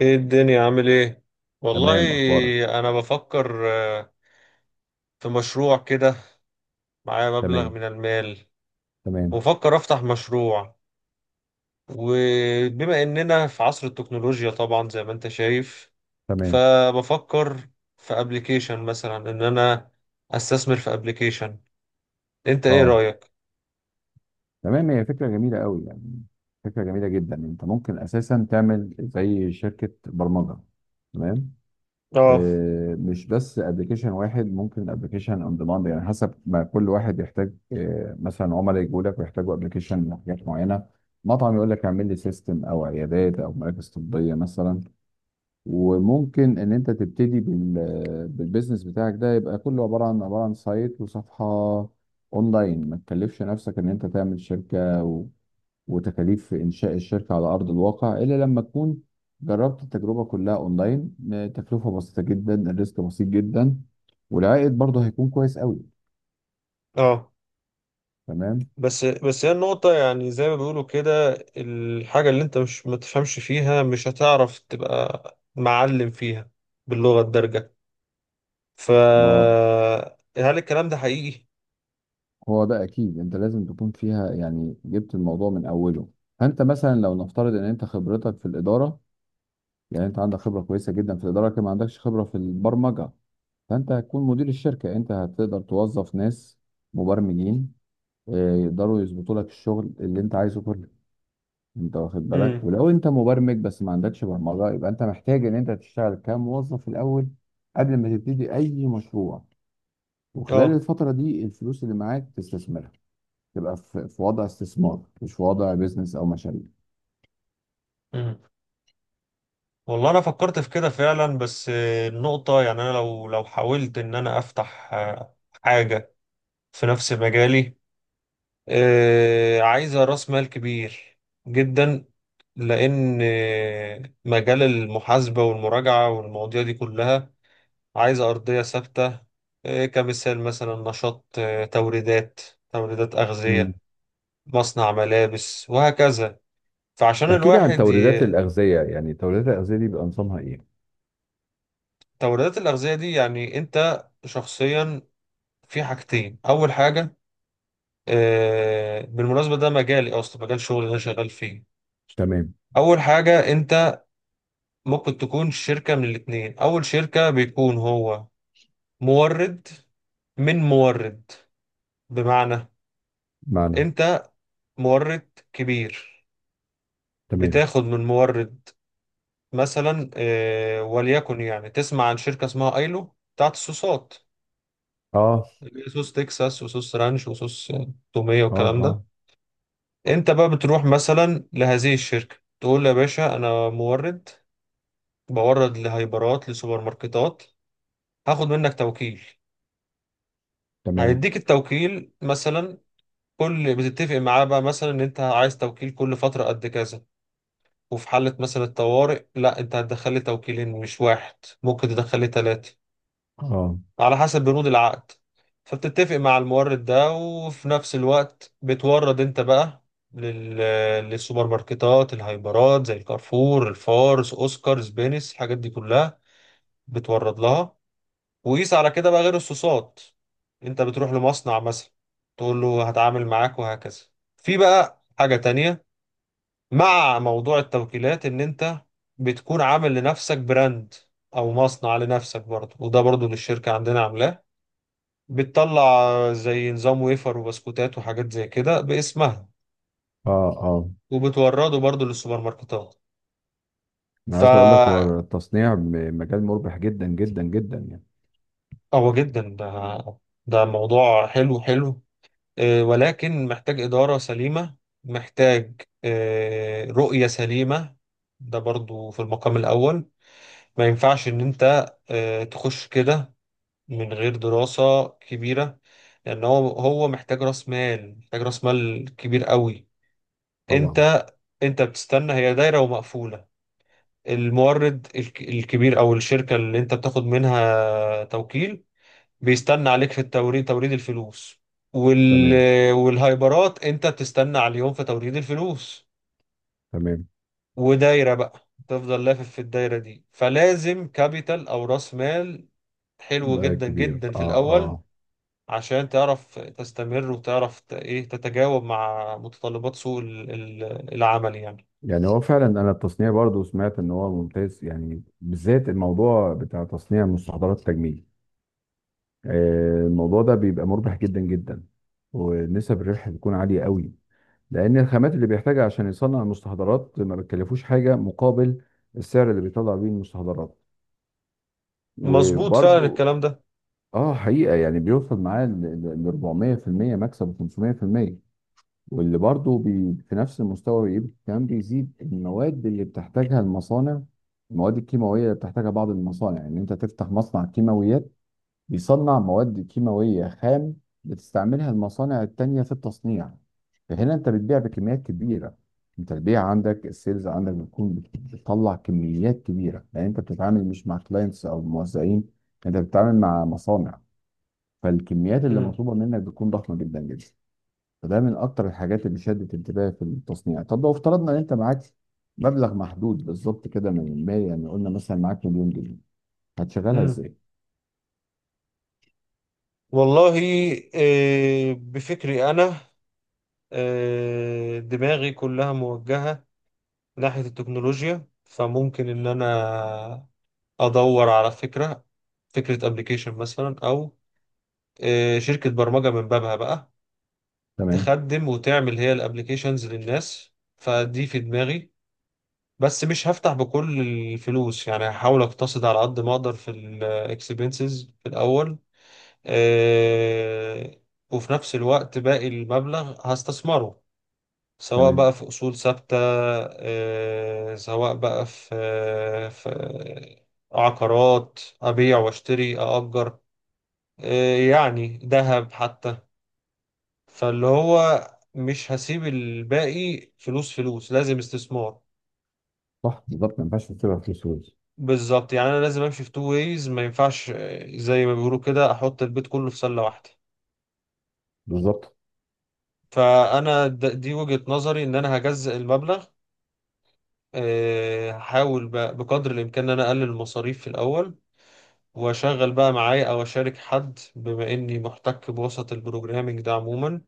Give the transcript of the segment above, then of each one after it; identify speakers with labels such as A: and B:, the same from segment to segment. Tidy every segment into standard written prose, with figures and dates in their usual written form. A: ايه الدنيا عامل ايه؟ والله
B: تمام، اخبارك؟
A: انا بفكر في مشروع كده، معايا مبلغ
B: تمام.
A: من المال،
B: تمام.
A: وبفكر افتح مشروع. وبما اننا في عصر التكنولوجيا طبعا زي ما انت شايف،
B: تمام.
A: فبفكر في ابلكيشن مثلا، ان انا استثمر في ابلكيشن. انت ايه
B: اه.
A: رأيك؟
B: تمام، هي فكره جميله قوي يعني. فكره جميله جدا، انت ممكن اساسا تعمل زي شركه برمجه. تمام.
A: اه،
B: مش بس ابلكيشن واحد، ممكن ابلكيشن اون ديماند، يعني حسب ما كل واحد يحتاج. مثلا عملاء يجوا لك ويحتاجوا ابلكيشن لحاجات معينه. مطعم يقول لك اعمل لي سيستم، او عيادات او مراكز طبيه مثلا. وممكن ان انت تبتدي بالبيزنس بتاعك ده، يبقى كله عباره عن سايت وصفحه اونلاين. ما تكلفش نفسك ان انت تعمل شركه وتكاليف انشاء الشركه على ارض الواقع الا لما تكون جربت التجربه كلها اونلاين. تكلفه بسيطه جدا، الريسك بسيط جدا، والعائد برضه هيكون كويس قوي.
A: اه.
B: تمام.
A: بس هي النقطة، يعني زي ما بيقولوا كده، الحاجة اللي انت مش ما تفهمش فيها مش هتعرف تبقى معلم فيها باللغة الدارجة. ف
B: ما
A: هل الكلام ده حقيقي؟
B: هو ده اكيد انت لازم تكون فيها، يعني جبت الموضوع من اوله. فانت مثلا لو نفترض ان انت خبرتك في الاداره، يعني انت عندك خبره كويسه جدا في الاداره لكن ما عندكش خبره في البرمجه، فانت هتكون مدير الشركه. انت هتقدر توظف ناس مبرمجين يقدروا يظبطوا لك الشغل اللي انت عايزه كله. انت واخد بالك؟
A: امم،
B: ولو انت مبرمج بس ما عندكش برمجه، يبقى انت محتاج ان انت تشتغل كموظف الاول قبل ما تبتدي اي مشروع. وخلال
A: اه،
B: الفتره دي الفلوس اللي معاك تستثمرها، تبقى في وضع استثمار مش في وضع بيزنس او مشاريع.
A: مم. والله انا فكرت في كده فعلا، بس النقطة، يعني انا لو حاولت ان انا افتح حاجة في نفس مجالي، عايزة راس مال كبير جدا، لان مجال المحاسبة والمراجعة والمواضيع دي كلها عايزة ارضية ثابتة. كمثال مثلا نشاط، توريدات
B: مم.
A: اغذية، مصنع ملابس وهكذا. فعشان
B: احكي لي عن
A: الواحد
B: توريدات الأغذية، يعني توريدات الأغذية دي بيبقى نظامها إيه؟
A: توريدات الأغذية دي، يعني أنت شخصيا، في حاجتين. أول حاجة، بالمناسبة، ده مجالي أصلا، مجال شغلي اللي أنا شغال فيه.
B: تمام.
A: أول حاجة أنت ممكن تكون شركة من الاتنين. أول شركة بيكون هو مورد من مورد، بمعنى
B: معنى.
A: أنت مورد كبير
B: تمام.
A: بتاخد من مورد، مثلا وليكن يعني تسمع عن شركة اسمها ايلو بتاعت الصوصات،
B: اه.
A: اللي هي صوص تكساس وصوص رانش وصوص تومية
B: اه.
A: والكلام ده.
B: اه.
A: انت بقى بتروح مثلا لهذه الشركة، تقول له يا باشا انا مورد بورد لهايبرات لسوبر ماركتات، هاخد منك توكيل.
B: تمام.
A: هيديك التوكيل مثلا، كل بتتفق معاه بقى مثلا ان انت عايز توكيل كل فترة قد كذا. وفي حالة مثلا الطوارئ، لا، انت هتدخل لي توكيلين مش واحد، ممكن تدخل لي ثلاثة
B: اه.
A: على حسب بنود العقد. فبتتفق مع المورد ده، وفي نفس الوقت بتورد انت بقى لل... للسوبر ماركتات، الهايبرات زي الكارفور، الفارس، اوسكار، سبينس، الحاجات دي كلها بتورد لها. وقيس على كده بقى غير الصوصات، انت بتروح لمصنع مثلا تقول له هتعامل معاك وهكذا. في بقى حاجة تانية مع موضوع التوكيلات، ان انت بتكون عامل لنفسك براند او مصنع لنفسك برضه، وده برضه للشركة عندنا عاملاه، بتطلع زي نظام ويفر وبسكوتات وحاجات زي كده باسمها،
B: اه. اه.
A: وبتورده برضو للسوبر ماركتات.
B: انا
A: ف
B: عايز اقول لك، هو التصنيع مجال مربح جدا جدا جدا يعني.
A: هو جدا ده موضوع حلو حلو، ولكن محتاج إدارة سليمة، محتاج رؤية سليمة، ده برضو في المقام الأول. ما ينفعش إن أنت تخش كده من غير دراسة كبيرة، لأن هو محتاج رأس مال، محتاج رأس مال كبير قوي.
B: طبعا.
A: انت انت بتستنى، هي دايرة ومقفولة. المورد الكبير او الشركة اللي انت بتاخد منها توكيل بيستنى عليك في التوريد، توريد الفلوس، وال...
B: تمام.
A: والهايبرات انت بتستنى على اليوم في توريد الفلوس،
B: تمام.
A: ودايرة بقى تفضل لافف في الدايرة دي، فلازم كابيتال او راس مال حلو
B: ده
A: جدا
B: كبير،
A: جدا في
B: اه.
A: الاول،
B: اه.
A: عشان تعرف تستمر وتعرف ايه تتجاوب مع متطلبات سوق العمل يعني.
B: يعني هو فعلا، انا التصنيع برضو سمعت ان هو ممتاز يعني، بالذات الموضوع بتاع تصنيع مستحضرات التجميل. الموضوع ده بيبقى مربح جدا جدا، ونسب الربح بتكون عالية قوي، لان الخامات اللي بيحتاجها عشان يصنع المستحضرات ما بتكلفوش حاجه مقابل السعر اللي بيطلع بيه المستحضرات.
A: مظبوط فعلا
B: وبرضو،
A: الكلام ده.
B: اه حقيقه، يعني بيوصل معاه ل 400% مكسب، و500%. واللي برضو في نفس المستوى، بيبقى كمان بيزيد المواد اللي بتحتاجها المصانع. المواد الكيماويه اللي بتحتاجها بعض المصانع، ان يعني انت تفتح مصنع كيماويات بيصنع مواد كيماوية خام بتستعملها المصانع التانية في التصنيع. فهنا انت بتبيع بكميات كبيرة. انت البيع عندك، السيلز عندك، بتكون بتطلع كميات كبيرة، لان انت بتتعامل مش مع كلاينتس او موزعين، انت بتتعامل مع مصانع. فالكميات اللي
A: مم.
B: مطلوبة منك بتكون ضخمة جدا جدا. فده من اكتر الحاجات اللي شدت انتباهي في التصنيع. طب لو افترضنا ان انت معاك مبلغ محدود بالظبط كده من المال، يعني قلنا مثلا معاك 1,000,000 جنيه، هتشغلها
A: مم.
B: ازاي؟
A: والله، بفكري أنا، دماغي كلها موجهة ناحية التكنولوجيا، فممكن إن أنا أدور على فكرة، فكرة أبليكيشن مثلا، أو شركة برمجة من بابها بقى
B: تمام.
A: تخدم وتعمل هي الأبليكيشنز للناس. فدي في دماغي، بس مش هفتح بكل الفلوس، يعني هحاول أقتصد على قد ما أقدر في الإكسبنسز في الأول. آه، وفي نفس الوقت باقي المبلغ هستثمره، سواء بقى
B: تمام.
A: في أصول ثابتة، سواء بقى في عقارات أبيع وأشتري أأجر، يعني ذهب حتى. فاللي هو مش هسيب الباقي فلوس، فلوس لازم استثمار.
B: صح بالظبط، ما ينفعش تسيبها فلوس روز.
A: بالظبط، يعني أنا لازم أمشي في تو ويز، ما ينفعش زي ما بيقولوا كده أحط البيت كله في سلة واحدة.
B: بالظبط.
A: فانا دي وجهة نظري، ان انا هجزء المبلغ. هحاول بقى بقدر الإمكان إن أنا أقلل المصاريف في الأول، وأشغل بقى معايا أو أشارك حد، بما إني محتك بوسط البروجرامينج ده عموما،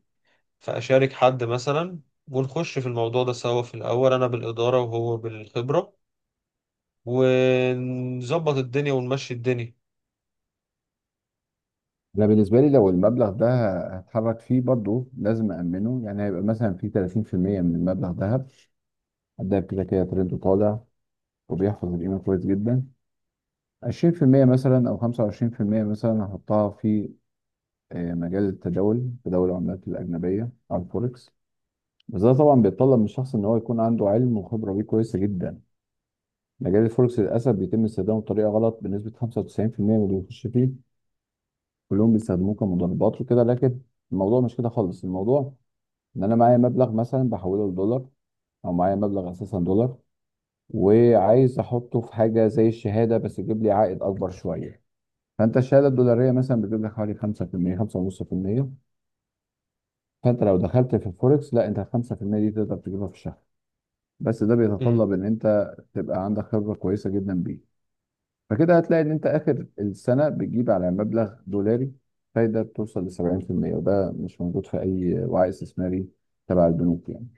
A: فأشارك حد مثلا ونخش في الموضوع ده سوا في الأول، أنا بالإدارة وهو بالخبرة، ونظبط الدنيا ونمشي الدنيا.
B: انا بالنسبه لي لو المبلغ ده هتحرك فيه، برضو لازم امنه، يعني هيبقى مثلا في 30% من المبلغ ذهب. ده كده كده ترند طالع، وبيحفظ القيمه كويس جدا. 20% مثلا او 25% مثلا هحطها في مجال التداول، تداول العملات الاجنبيه على الفوركس. بس ده طبعا بيتطلب من الشخص ان هو يكون عنده علم وخبره بيه كويسه جدا. مجال الفوركس للاسف بيتم استخدامه بطريقه غلط بنسبه 95% من اللي بيخش فيه، كلهم بيستخدموه كمضاربات وكده. لكن الموضوع مش كده خالص. الموضوع ان انا معايا مبلغ مثلا بحوله لدولار، او معايا مبلغ اساسا دولار، وعايز احطه في حاجه زي الشهاده بس يجيب لي عائد اكبر شويه. فانت الشهاده الدولاريه مثلا بتجيب لك حوالي 5%، 5.5%. فانت لو دخلت في الفوركس، لا، انت ال 5% دي تقدر تجيبها في الشهر. بس ده
A: مم.
B: بيتطلب ان انت تبقى عندك خبره كويسه جدا بيه. فكده هتلاقي ان انت اخر السنه بتجيب على مبلغ دولاري فايده بتوصل ل 70%، وده مش موجود في اي وعي استثماري تبع البنوك يعني.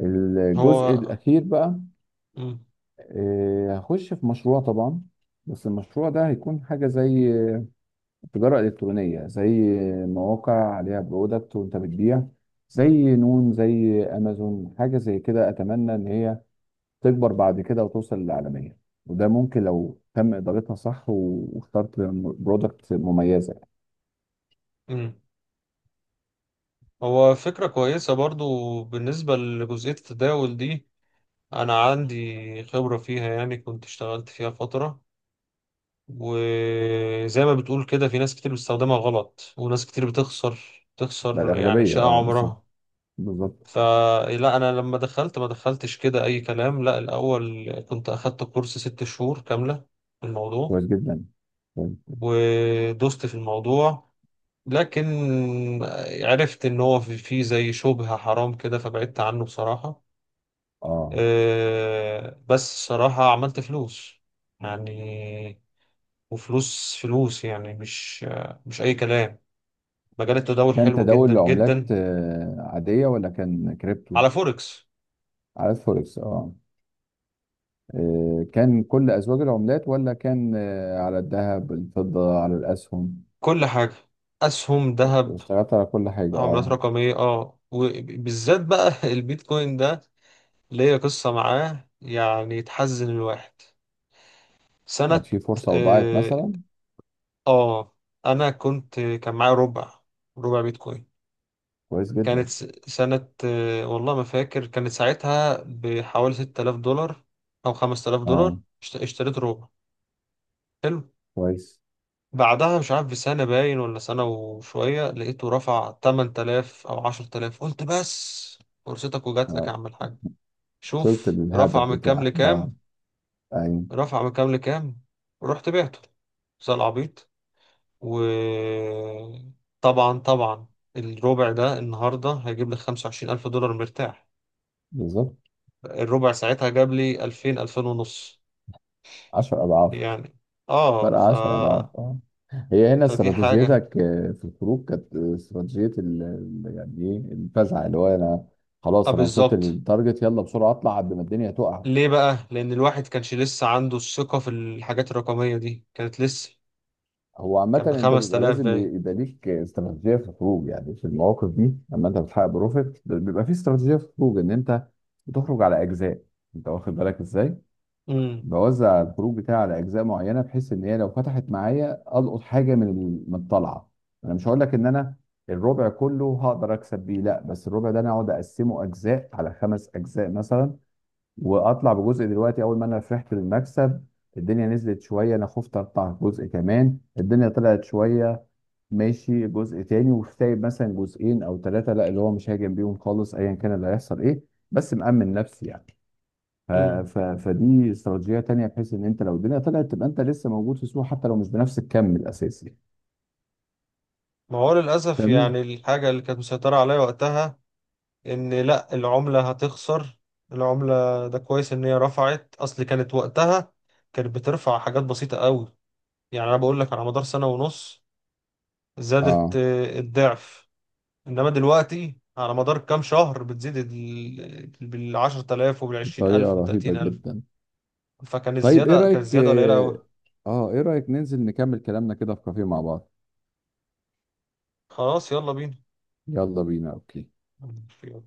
B: الجزء
A: هو
B: الاخير بقى،
A: مم.
B: هخش في مشروع طبعا. بس المشروع ده هيكون حاجه زي تجاره الكترونيه، زي مواقع عليها برودكت وانت بتبيع، زي نون زي امازون، حاجه زي كده. اتمنى ان هي تكبر بعد كده وتوصل للعالمية. وده ممكن لو تم إدارتها صح، واخترت برودكت مميزة يعني.
A: مم. هو فكرة كويسة برضو. بالنسبة لجزئية التداول دي، أنا عندي خبرة فيها، يعني كنت اشتغلت فيها فترة، وزي ما بتقول كده في ناس كتير بتستخدمها غلط، وناس كتير بتخسر،
B: ده
A: تخسر يعني
B: الأغلبية،
A: شقة
B: اه
A: عمرها.
B: بالظبط. بالظبط.
A: فلا، أنا لما دخلت ما دخلتش كده أي كلام، لا، الأول كنت أخدت كورس 6 شهور كاملة في الموضوع،
B: كويس جدا. كويس.
A: ودوست في الموضوع. لكن عرفت إن هو في زي شبهة حرام كده، فبعدت عنه بصراحة.
B: اه.
A: بس صراحة عملت فلوس يعني، وفلوس فلوس يعني مش أي كلام. مجال التداول
B: كان
A: حلو جدا
B: تداول لعملات
A: جدا،
B: عادية ولا كان كريبتو؟
A: على فوركس.
B: على الفوركس، اه. كان كل أزواج العملات، ولا كان على الذهب، الفضة، على الأسهم؟
A: كل حاجة، أسهم، ذهب،
B: واشتغلت على كل حاجة،
A: عملات
B: اه.
A: رقمية، اه، وبالذات بقى البيتكوين ده، ليا قصة معاه يعني تحزن الواحد.
B: كانت
A: سنة،
B: في فرصة وضاعت
A: اه.
B: مثلا؟
A: آه، أنا كان معايا ربع، ربع بيتكوين.
B: كويس
A: كانت
B: جدا.
A: سنة، والله ما فاكر، كانت ساعتها بحوالي 6000 دولار أو 5000
B: اه.
A: دولار اشتريت ربع. حلو.
B: كويس.
A: بعدها مش عارف بسنة باين ولا سنة وشوية، لقيته رفع 8000 أو 10,000. قلت بس، فرصتك وجات لك
B: أنا
A: يا عم الحاج.
B: وصلت
A: شوف رفع
B: للهدف
A: من كام
B: بتاعك، اه.
A: لكام،
B: أيوة.
A: رفع من كام لكام. رحت بعته زي العبيط. وطبعا طبعا الربع ده النهاردة هيجيب لي 25,000 دولار مرتاح.
B: بالظبط.
A: الربع ساعتها جاب لي 2000، 2000 ونص
B: 10 أضعاف.
A: يعني. اه.
B: فرق 10 أضعاف، اه. هي هنا
A: فدي حاجة.
B: استراتيجيتك في الخروج كانت استراتيجية يعني إيه، الفزع، اللي هو أنا
A: اه،
B: خلاص أنا وصلت
A: بالظبط.
B: للتارجت، يلا بسرعة أطلع قبل ما الدنيا تقع.
A: ليه بقى؟ لأن الواحد كانش لسه عنده الثقة في الحاجات الرقمية دي، كانت لسه
B: هو عامة،
A: كانت
B: أنت
A: بخمس
B: بيبقى
A: تلاف
B: لازم
A: باين.
B: يبقى ليك استراتيجية في الخروج، يعني في المواقف دي لما أنت بتحقق بروفيت بيبقى في استراتيجية في الخروج إن أنت بتخرج على أجزاء. أنت واخد بالك إزاي؟
A: امم،
B: بوزع الخروج بتاعي على اجزاء معينه، بحيث ان هي لو فتحت معايا القط حاجه من الطلعه. انا مش هقول لك ان انا الربع كله هقدر اكسب بيه، لا، بس الربع ده انا اقعد اقسمه اجزاء، على خمس اجزاء مثلا، واطلع بجزء دلوقتي اول ما انا فرحت بالمكسب. الدنيا نزلت شويه، انا خفت اقطع جزء كمان. الدنيا طلعت شويه، ماشي جزء تاني. وسايب مثلا جزئين او ثلاثه لا، اللي هو مش هاجم بيهم خالص ايا كان اللي هيحصل ايه، بس مأمن نفسي يعني. ف-
A: امم.
B: فدي استراتيجيه تانيه، بحيث ان انت لو الدنيا طلعت تبقى انت لسه موجود في السوق، حتى لو مش بنفس الكم الاساسي.
A: ما هو للأسف
B: تمام.
A: يعني الحاجة اللي كانت مسيطرة عليا وقتها إن، لأ، العملة هتخسر. العملة ده كويس إن هي رفعت، أصل كانت وقتها، كانت بترفع حاجات بسيطة قوي، يعني أنا بقول لك على مدار سنة ونص زادت
B: اه.
A: الضعف. إنما دلوقتي على مدار كام شهر بتزيد بالـ10,000 وبالعشرين ألف
B: بطريقة رهيبة
A: وبالتلاتين ألف.
B: جدا.
A: فكان
B: طيب، ايه
A: الزيادة كانت
B: رايك؟
A: الزيادة قليلة أوي.
B: اه، ايه رايك ننزل نكمل كلامنا كده في كافيه مع بعض؟
A: خلاص، يلا
B: يلا بينا. اوكي.
A: بينا.